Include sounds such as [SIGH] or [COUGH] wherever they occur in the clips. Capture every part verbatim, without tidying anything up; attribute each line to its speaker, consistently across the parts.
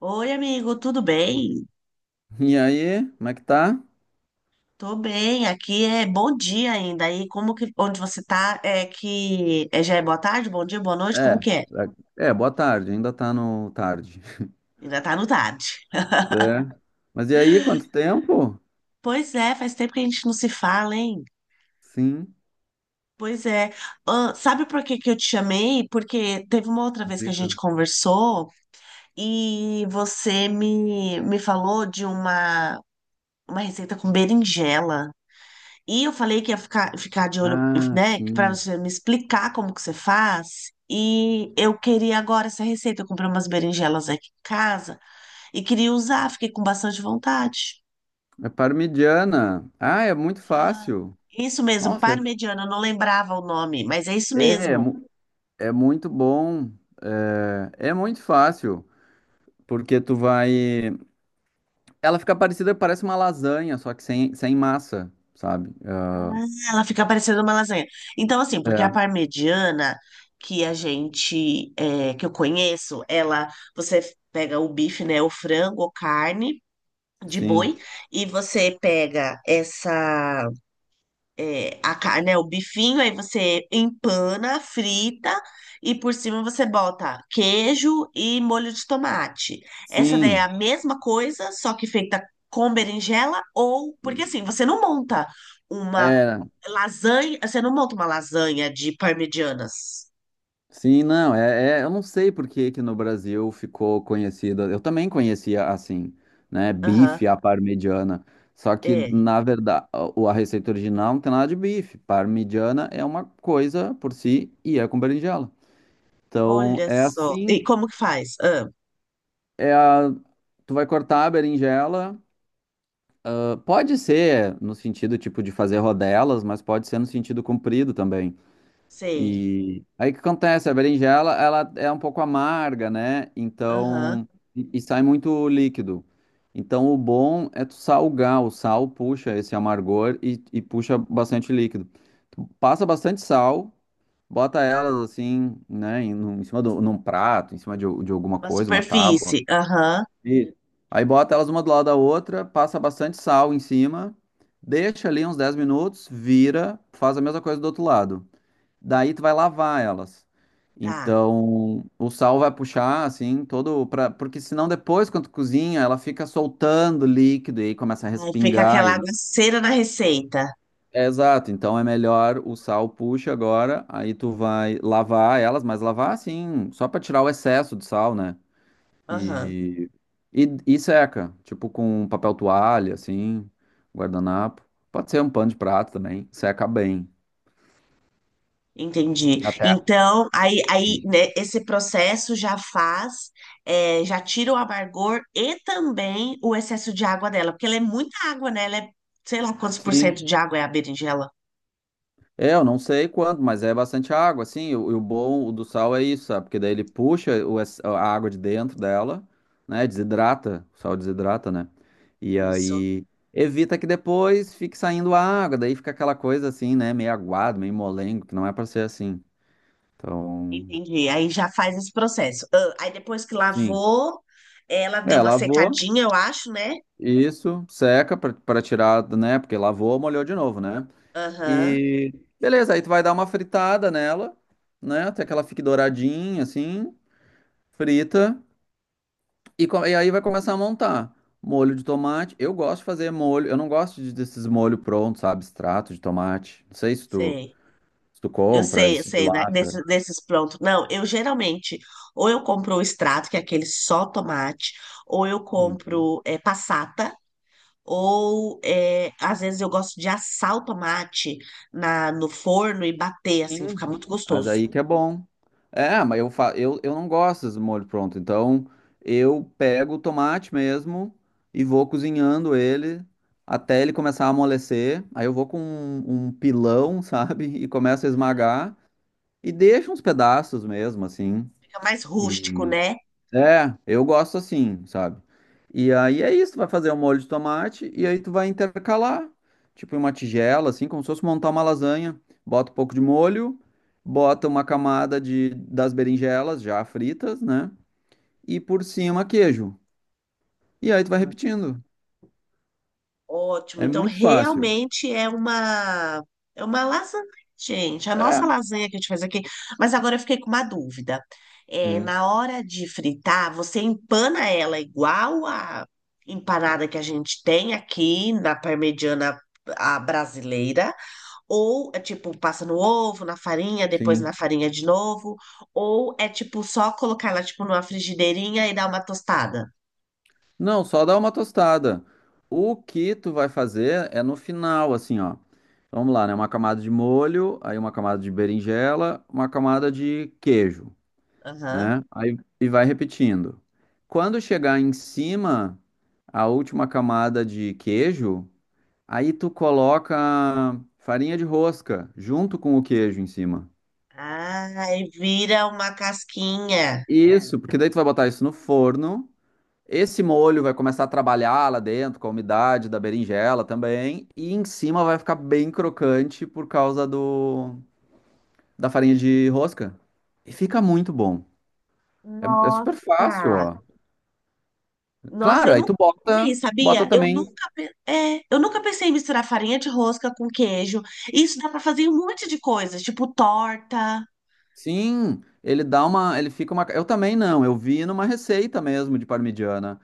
Speaker 1: Oi, amigo, tudo bem?
Speaker 2: E aí, como é que tá?
Speaker 1: Tô bem, aqui é bom dia ainda. Aí, como que, onde você tá, é que é, já é boa tarde, bom dia, boa noite, como
Speaker 2: É,
Speaker 1: que é?
Speaker 2: é, é, boa tarde, ainda tá no tarde.
Speaker 1: Ainda tá no tarde.
Speaker 2: É. Mas e aí, quanto tempo?
Speaker 1: Pois é, faz tempo que a gente não se fala, hein?
Speaker 2: Sim,
Speaker 1: Pois é. Ah, sabe por que que eu te chamei? Porque teve uma outra vez que a
Speaker 2: diga.
Speaker 1: gente conversou e você me, me falou de uma, uma receita com berinjela. E eu falei que ia ficar, ficar de olho,
Speaker 2: Ah,
Speaker 1: né, para
Speaker 2: sim.
Speaker 1: você me explicar como que você faz. E eu queria agora essa receita. Eu comprei umas berinjelas aqui em casa e queria usar, fiquei com bastante vontade.
Speaker 2: É parmigiana. Ah, é muito fácil.
Speaker 1: Isso mesmo,
Speaker 2: Nossa, é,
Speaker 1: parmegiana, eu não lembrava o nome, mas é isso
Speaker 2: é, é
Speaker 1: mesmo.
Speaker 2: mu- é muito bom. É, é muito fácil, porque tu vai. Ela fica parecida, parece uma lasanha, só que sem, sem massa, sabe?
Speaker 1: Ah, ela fica parecendo uma lasanha. Então, assim, porque a
Speaker 2: É,
Speaker 1: parmegiana que a gente, é, que eu conheço, ela, você pega o bife, né, o frango ou carne de
Speaker 2: sim.
Speaker 1: boi, e você pega essa é, a carne, né, o bifinho, aí você empana, frita e por cima você bota queijo e molho de tomate. Essa daí é a
Speaker 2: Sim.
Speaker 1: mesma coisa, só que feita com berinjela ou porque assim, você não monta uma
Speaker 2: É,
Speaker 1: lasanha, você não monta uma lasanha de parmegianas.
Speaker 2: sim, não, é, é- eu não sei por que que no Brasil ficou conhecida. Eu também conhecia assim, né?
Speaker 1: Aham,
Speaker 2: Bife à parmegiana. Só que,
Speaker 1: é.
Speaker 2: na verdade, a, a receita original não tem nada de bife. Parmegiana é uma coisa por si e é com berinjela. Então,
Speaker 1: Olha
Speaker 2: é
Speaker 1: só. E
Speaker 2: assim,
Speaker 1: como que faz? Ah,
Speaker 2: é a, tu vai cortar a berinjela. ah, Pode ser no sentido tipo de fazer rodelas, mas pode ser no sentido comprido também.
Speaker 1: sei.
Speaker 2: E aí o que acontece? A berinjela, ela é um pouco amarga, né?
Speaker 1: Aham.
Speaker 2: Então, e e sai muito líquido. Então, o bom é tu salgar. O sal puxa esse amargor e, e puxa bastante líquido. Tu passa bastante sal, bota elas assim, né? Em, num- em cima de um num prato, em cima de, de alguma
Speaker 1: Uma
Speaker 2: coisa, uma tábua.
Speaker 1: superfície. Aham.
Speaker 2: Isso. Aí bota elas uma do lado da outra, passa bastante sal em cima, deixa ali uns dez minutos, vira, faz a mesma coisa do outro lado. Daí tu vai lavar elas.
Speaker 1: Tá.
Speaker 2: Então, o sal vai puxar assim todo para porque senão depois quando tu cozinha, ela fica soltando líquido e aí começa a
Speaker 1: Aí fica
Speaker 2: respingar e-.
Speaker 1: aquela cera na receita.
Speaker 2: É, exato, então é melhor o sal puxa agora, aí tu vai lavar elas, mas lavar assim, só para tirar o excesso de sal, né?
Speaker 1: Aham.
Speaker 2: E, e e seca, tipo com papel toalha assim, guardanapo. Pode ser um pano de prato também, seca bem.
Speaker 1: Entendi.
Speaker 2: Até
Speaker 1: Então, aí, aí né, esse processo já faz, é, já tira o amargor e também o excesso de água dela, porque ela é muita água, né? Ela é, sei lá quantos por
Speaker 2: sim.
Speaker 1: cento de água é a berinjela.
Speaker 2: É, eu não sei quanto, mas é bastante água, assim. E o, e o bom do sal é isso, sabe? Porque daí ele puxa o ex- a água de dentro dela, né? Desidrata, o sal desidrata, né? E
Speaker 1: Isso,
Speaker 2: aí evita que depois fique saindo a água, daí fica aquela coisa assim, né? Meio aguado, meio molengo, que não é pra ser assim. Então,
Speaker 1: entendi. Aí já faz esse processo. Ah, aí depois que
Speaker 2: sim.
Speaker 1: lavou, ela deu
Speaker 2: É,
Speaker 1: uma
Speaker 2: lavou,
Speaker 1: secadinha, eu acho, né?
Speaker 2: isso, seca pra pra tirar, né? Porque lavou, molhou de novo, né?
Speaker 1: Aham,
Speaker 2: E beleza, aí tu vai dar uma fritada nela, né? Até que ela fique douradinha, assim. Frita e, co- e aí vai começar a montar. Molho de tomate, eu gosto de fazer molho, eu não gosto de- desses molhos prontos, sabe, extrato de tomate. Não sei se tu,
Speaker 1: sei.
Speaker 2: se tu
Speaker 1: Eu
Speaker 2: compra,
Speaker 1: sei, eu
Speaker 2: esse de
Speaker 1: sei, né?
Speaker 2: lata.
Speaker 1: Desses, desses prontos. Não, eu geralmente, ou eu compro o extrato, que é aquele só tomate, ou eu
Speaker 2: Uhum.
Speaker 1: compro é, passata, ou é, às vezes eu gosto de assar o tomate na, no forno e bater, assim,
Speaker 2: Sim,
Speaker 1: fica muito
Speaker 2: mas
Speaker 1: gostoso.
Speaker 2: aí que é bom. É, mas eu, fa eu, eu não gosto desse molho pronto, então eu pego o tomate mesmo e vou cozinhando ele até ele começar a amolecer. Aí eu vou com um, um pilão, [LAUGHS] sabe, e começo a esmagar e deixo uns pedaços mesmo, assim.
Speaker 1: Fica mais rústico,
Speaker 2: E
Speaker 1: né?
Speaker 2: é, eu gosto assim, sabe? E aí é isso, tu vai fazer um molho de tomate e aí tu vai intercalar, tipo em uma tigela, assim, como se fosse montar uma lasanha. Bota um pouco de molho, bota uma camada de, das berinjelas já fritas, né? E por cima queijo. E aí tu vai repetindo.
Speaker 1: Ótimo.
Speaker 2: É
Speaker 1: Então,
Speaker 2: muito fácil.
Speaker 1: realmente é uma é uma lasanha, gente. A
Speaker 2: É,
Speaker 1: nossa lasanha que a gente faz aqui. Mas agora eu fiquei com uma dúvida. É, na hora de fritar, você empana ela igual a empanada que a gente tem aqui na parmegiana a brasileira? Ou é tipo, passa no ovo, na farinha, depois
Speaker 2: sim.
Speaker 1: na farinha de novo? Ou é tipo só colocar ela tipo numa frigideirinha e dar uma tostada?
Speaker 2: Não, só dá uma tostada. O que tu vai fazer é no final, assim, ó. Vamos lá, né? Uma camada de molho, aí uma camada de berinjela, uma camada de queijo,
Speaker 1: Aham.
Speaker 2: né? Aí e vai repetindo. Quando chegar em cima, a última camada de queijo, aí tu coloca farinha de rosca junto com o queijo em cima.
Speaker 1: Ah, e vira uma casquinha.
Speaker 2: Isso, porque daí tu vai botar isso no forno. Esse molho vai começar a trabalhar lá dentro com a umidade da berinjela também, e em cima vai ficar bem crocante por causa do da farinha de rosca. E fica muito bom. É, é
Speaker 1: Nossa!
Speaker 2: super fácil, ó.
Speaker 1: Nossa,
Speaker 2: Claro,
Speaker 1: eu
Speaker 2: aí
Speaker 1: nunca
Speaker 2: tu bota,
Speaker 1: fiz,
Speaker 2: bota
Speaker 1: sabia? Eu
Speaker 2: também.
Speaker 1: nunca, pe- é, eu nunca pensei em misturar farinha de rosca com queijo. Isso dá pra fazer um monte de coisas, tipo torta.
Speaker 2: Sim, ele dá uma, ele fica uma. Eu também não, eu vi numa receita mesmo de parmegiana.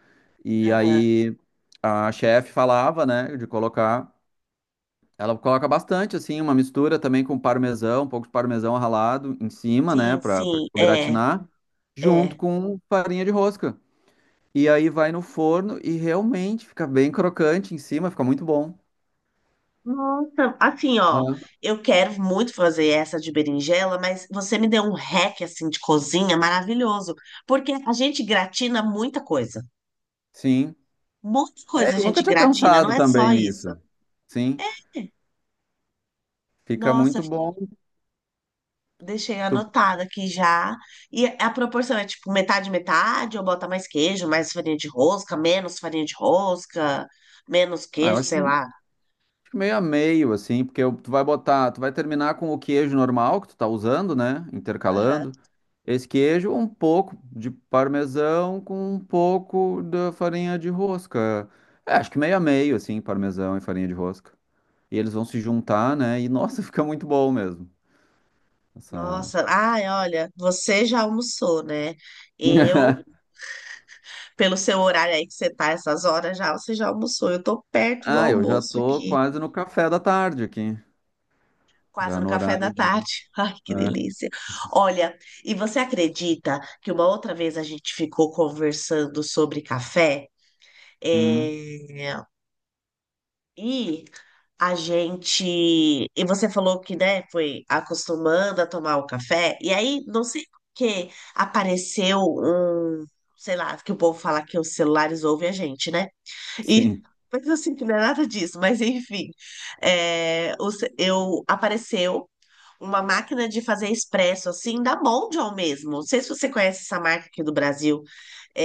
Speaker 2: E
Speaker 1: Aham,
Speaker 2: aí a chefe falava, né, de colocar. Ela coloca bastante, assim, uma mistura também com parmesão, um pouco de parmesão ralado em cima, né,
Speaker 1: sim,
Speaker 2: para
Speaker 1: sim,
Speaker 2: tipo,
Speaker 1: é,
Speaker 2: gratinar, junto
Speaker 1: é.
Speaker 2: com farinha de rosca. E aí vai no forno e realmente fica bem crocante em cima, fica muito bom.
Speaker 1: Nossa, assim, ó,
Speaker 2: Ah,
Speaker 1: eu quero muito fazer essa de berinjela, mas você me deu um hack, assim, de cozinha maravilhoso, porque a gente gratina muita coisa.
Speaker 2: sim.
Speaker 1: Muita
Speaker 2: É,
Speaker 1: coisa a
Speaker 2: eu nunca
Speaker 1: gente
Speaker 2: tinha
Speaker 1: gratina, não
Speaker 2: pensado
Speaker 1: é
Speaker 2: também
Speaker 1: só isso.
Speaker 2: nisso. Sim, fica
Speaker 1: Nossa,
Speaker 2: muito
Speaker 1: fiquei-
Speaker 2: bom.
Speaker 1: deixei
Speaker 2: Tu-
Speaker 1: anotado aqui já. E a proporção é tipo metade, metade, ou bota mais queijo, mais farinha de rosca, menos farinha de rosca, menos
Speaker 2: Ah, eu
Speaker 1: queijo,
Speaker 2: acho que
Speaker 1: sei lá.
Speaker 2: meio a meio, assim, porque eu- tu vai botar, tu vai terminar com o queijo normal que tu tá usando, né?
Speaker 1: Aham.
Speaker 2: Intercalando. Esse queijo, um pouco de parmesão com um pouco da farinha de rosca. É, acho que meio a meio, assim, parmesão e farinha de rosca. E eles vão se juntar, né? E nossa, [LAUGHS] fica muito bom mesmo. Essa...
Speaker 1: Nossa, ai, olha, você já almoçou, né? Eu,
Speaker 2: [LAUGHS]
Speaker 1: pelo seu horário aí que você tá essas horas já, você já almoçou. Eu tô perto do
Speaker 2: Ah, eu já
Speaker 1: almoço
Speaker 2: tô
Speaker 1: aqui,
Speaker 2: quase no café da tarde aqui.
Speaker 1: quase
Speaker 2: Já
Speaker 1: no
Speaker 2: no
Speaker 1: café da
Speaker 2: horário de.
Speaker 1: tarde. [LAUGHS] Ai, que
Speaker 2: É.
Speaker 1: delícia. Olha, e você acredita que uma outra vez a gente ficou conversando sobre café?
Speaker 2: Hum,
Speaker 1: É, e a gente. E você falou que, né, foi acostumando a tomar o café. E aí, não sei por que apareceu um. Sei lá, que o povo fala que os celulares ouvem a gente, né? E.
Speaker 2: sim.
Speaker 1: [LAUGHS] Mas eu sinto que não é nada disso. Mas, enfim. É, o ce- eu, apareceu uma máquina de fazer expresso, assim, da Mondial mesmo. Não sei se você conhece essa marca aqui do Brasil.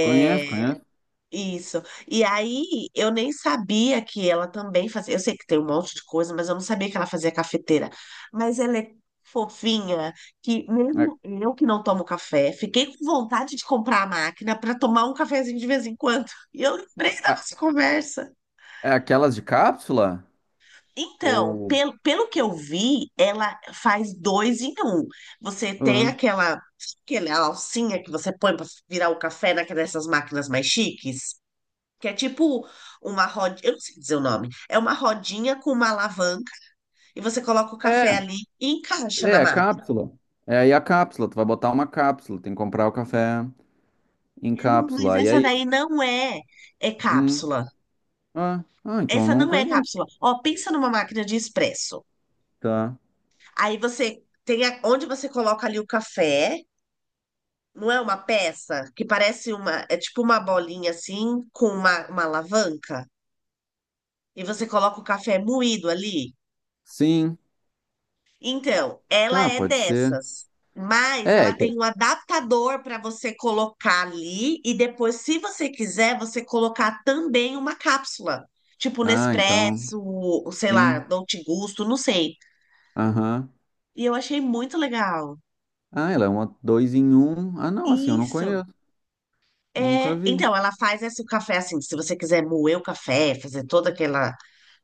Speaker 2: Conheço, conheço.
Speaker 1: isso. E aí, eu nem sabia que ela também fazia. Eu sei que tem um monte de coisa, mas eu não sabia que ela fazia cafeteira. Mas ela é fofinha, que
Speaker 2: É,
Speaker 1: mesmo eu que não tomo café, fiquei com vontade de comprar a máquina para tomar um cafezinho de vez em quando. [LAUGHS] E eu lembrei da
Speaker 2: a-
Speaker 1: nossa conversa.
Speaker 2: é aquelas de cápsula?
Speaker 1: Então,
Speaker 2: Ou.
Speaker 1: pelo, pelo que eu vi, ela faz dois em um. Você tem
Speaker 2: Ah,
Speaker 1: aquela, aquela alcinha que você põe para virar o café naquela dessas máquinas mais chiques. Que é tipo uma rodinha, eu não sei dizer o nome, é uma rodinha com uma alavanca e você coloca o café
Speaker 2: É,
Speaker 1: ali e encaixa na
Speaker 2: é,
Speaker 1: máquina.
Speaker 2: cápsula. É aí a cápsula. Tu vai botar uma cápsula. Tem que comprar o café em
Speaker 1: É, não, mas
Speaker 2: cápsula. Aí é
Speaker 1: essa
Speaker 2: isso.
Speaker 1: daí não é, é
Speaker 2: Hum.
Speaker 1: cápsula.
Speaker 2: Ah, ah, então eu
Speaker 1: Essa
Speaker 2: não
Speaker 1: não é
Speaker 2: conheço.
Speaker 1: cápsula. Ó, pensa numa máquina de expresso.
Speaker 2: Tá.
Speaker 1: Aí você tem a- onde você coloca ali o café, não é uma peça que parece uma, é tipo uma bolinha assim com uma, uma alavanca e você coloca o café moído ali.
Speaker 2: Sim.
Speaker 1: Então, ela
Speaker 2: Tá,
Speaker 1: é
Speaker 2: pode ser.
Speaker 1: dessas, mas
Speaker 2: É.
Speaker 1: ela
Speaker 2: é
Speaker 1: tem
Speaker 2: que-
Speaker 1: um adaptador para você colocar ali e depois, se você quiser, você colocar também uma cápsula, tipo
Speaker 2: Ah, então.
Speaker 1: Nespresso, ou sei lá,
Speaker 2: Sim.
Speaker 1: Dolce Gusto, não sei.
Speaker 2: Aham.
Speaker 1: E eu achei muito legal.
Speaker 2: Ah, ela é uma dois em um. Ah, não, assim, eu não
Speaker 1: Isso.
Speaker 2: conheço. Nunca
Speaker 1: É,
Speaker 2: vi.
Speaker 1: então, ela faz esse café assim, se você quiser moer o café, fazer todo aquela,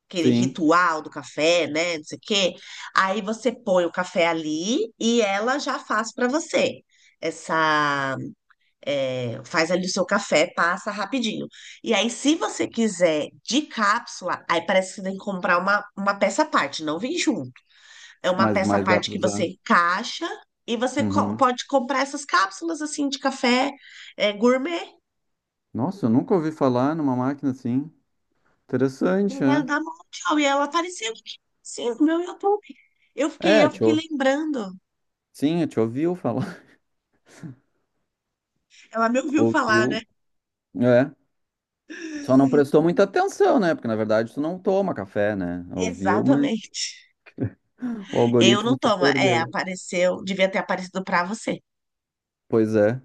Speaker 1: aquele
Speaker 2: Sim.
Speaker 1: ritual do café, né, não sei o quê, aí você põe o café ali e ela já faz para você essa é, faz ali o seu café, passa rapidinho. E aí, se você quiser de cápsula, aí parece que você tem que comprar uma, uma peça à parte, não vem junto. É uma
Speaker 2: Mas,
Speaker 1: peça à
Speaker 2: mas dá
Speaker 1: parte
Speaker 2: pra
Speaker 1: que você
Speaker 2: usar.
Speaker 1: encaixa e você co-
Speaker 2: Uhum.
Speaker 1: pode comprar essas cápsulas assim de café é, gourmet.
Speaker 2: Nossa, eu nunca ouvi falar numa máquina assim. Interessante,
Speaker 1: Eu quero
Speaker 2: né?
Speaker 1: dar uma mundial. E ela apareceu aqui, sim, no meu YouTube. Eu fiquei,
Speaker 2: É,
Speaker 1: eu fiquei
Speaker 2: tio.
Speaker 1: lembrando.
Speaker 2: Sim, eu te ouviu falar. [LAUGHS]
Speaker 1: Ela me ouviu falar, né?
Speaker 2: Ouviu. É. Só não prestou muita atenção, né? Porque na verdade tu não toma café, né? Ouviu, mas
Speaker 1: Exatamente.
Speaker 2: o
Speaker 1: Eu não
Speaker 2: algoritmo se
Speaker 1: tomo. É,
Speaker 2: perdeu.
Speaker 1: apareceu, devia ter aparecido pra você.
Speaker 2: Pois é.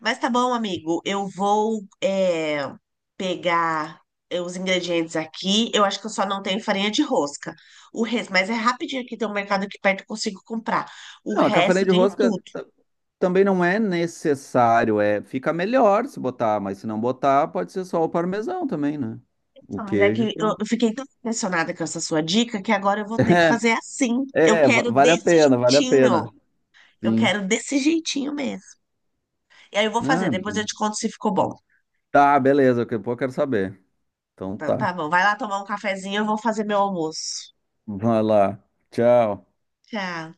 Speaker 1: Mas tá bom, amigo. Eu vou é, pegar é, os ingredientes aqui. Eu acho que eu só não tenho farinha de rosca. O resto, mas é rapidinho aqui, tem um mercado aqui perto, eu consigo comprar. O
Speaker 2: Não, a
Speaker 1: resto
Speaker 2: café
Speaker 1: eu
Speaker 2: de
Speaker 1: tenho
Speaker 2: rosca
Speaker 1: tudo.
Speaker 2: t- também não é necessário, é, fica melhor se botar, mas se não botar, pode ser só o parmesão também, né? O
Speaker 1: Ah, mas é
Speaker 2: queijo e
Speaker 1: que eu
Speaker 2: pronto.
Speaker 1: eu fiquei tão impressionada com essa sua dica que agora eu vou ter que fazer
Speaker 2: [LAUGHS]
Speaker 1: assim.
Speaker 2: É,
Speaker 1: Eu
Speaker 2: é, va-
Speaker 1: quero
Speaker 2: vale a
Speaker 1: desse
Speaker 2: pena, vale a
Speaker 1: jeitinho.
Speaker 2: pena.
Speaker 1: Eu
Speaker 2: Sim.
Speaker 1: quero desse jeitinho mesmo. E aí eu vou fazer,
Speaker 2: Ah,
Speaker 1: depois eu te conto se ficou bom.
Speaker 2: tá, beleza, daqui a pouco eu quero saber. Então
Speaker 1: Então
Speaker 2: tá.
Speaker 1: tá bom. Vai lá tomar um cafezinho, eu vou fazer meu almoço.
Speaker 2: Vai lá. Tchau.
Speaker 1: Tchau.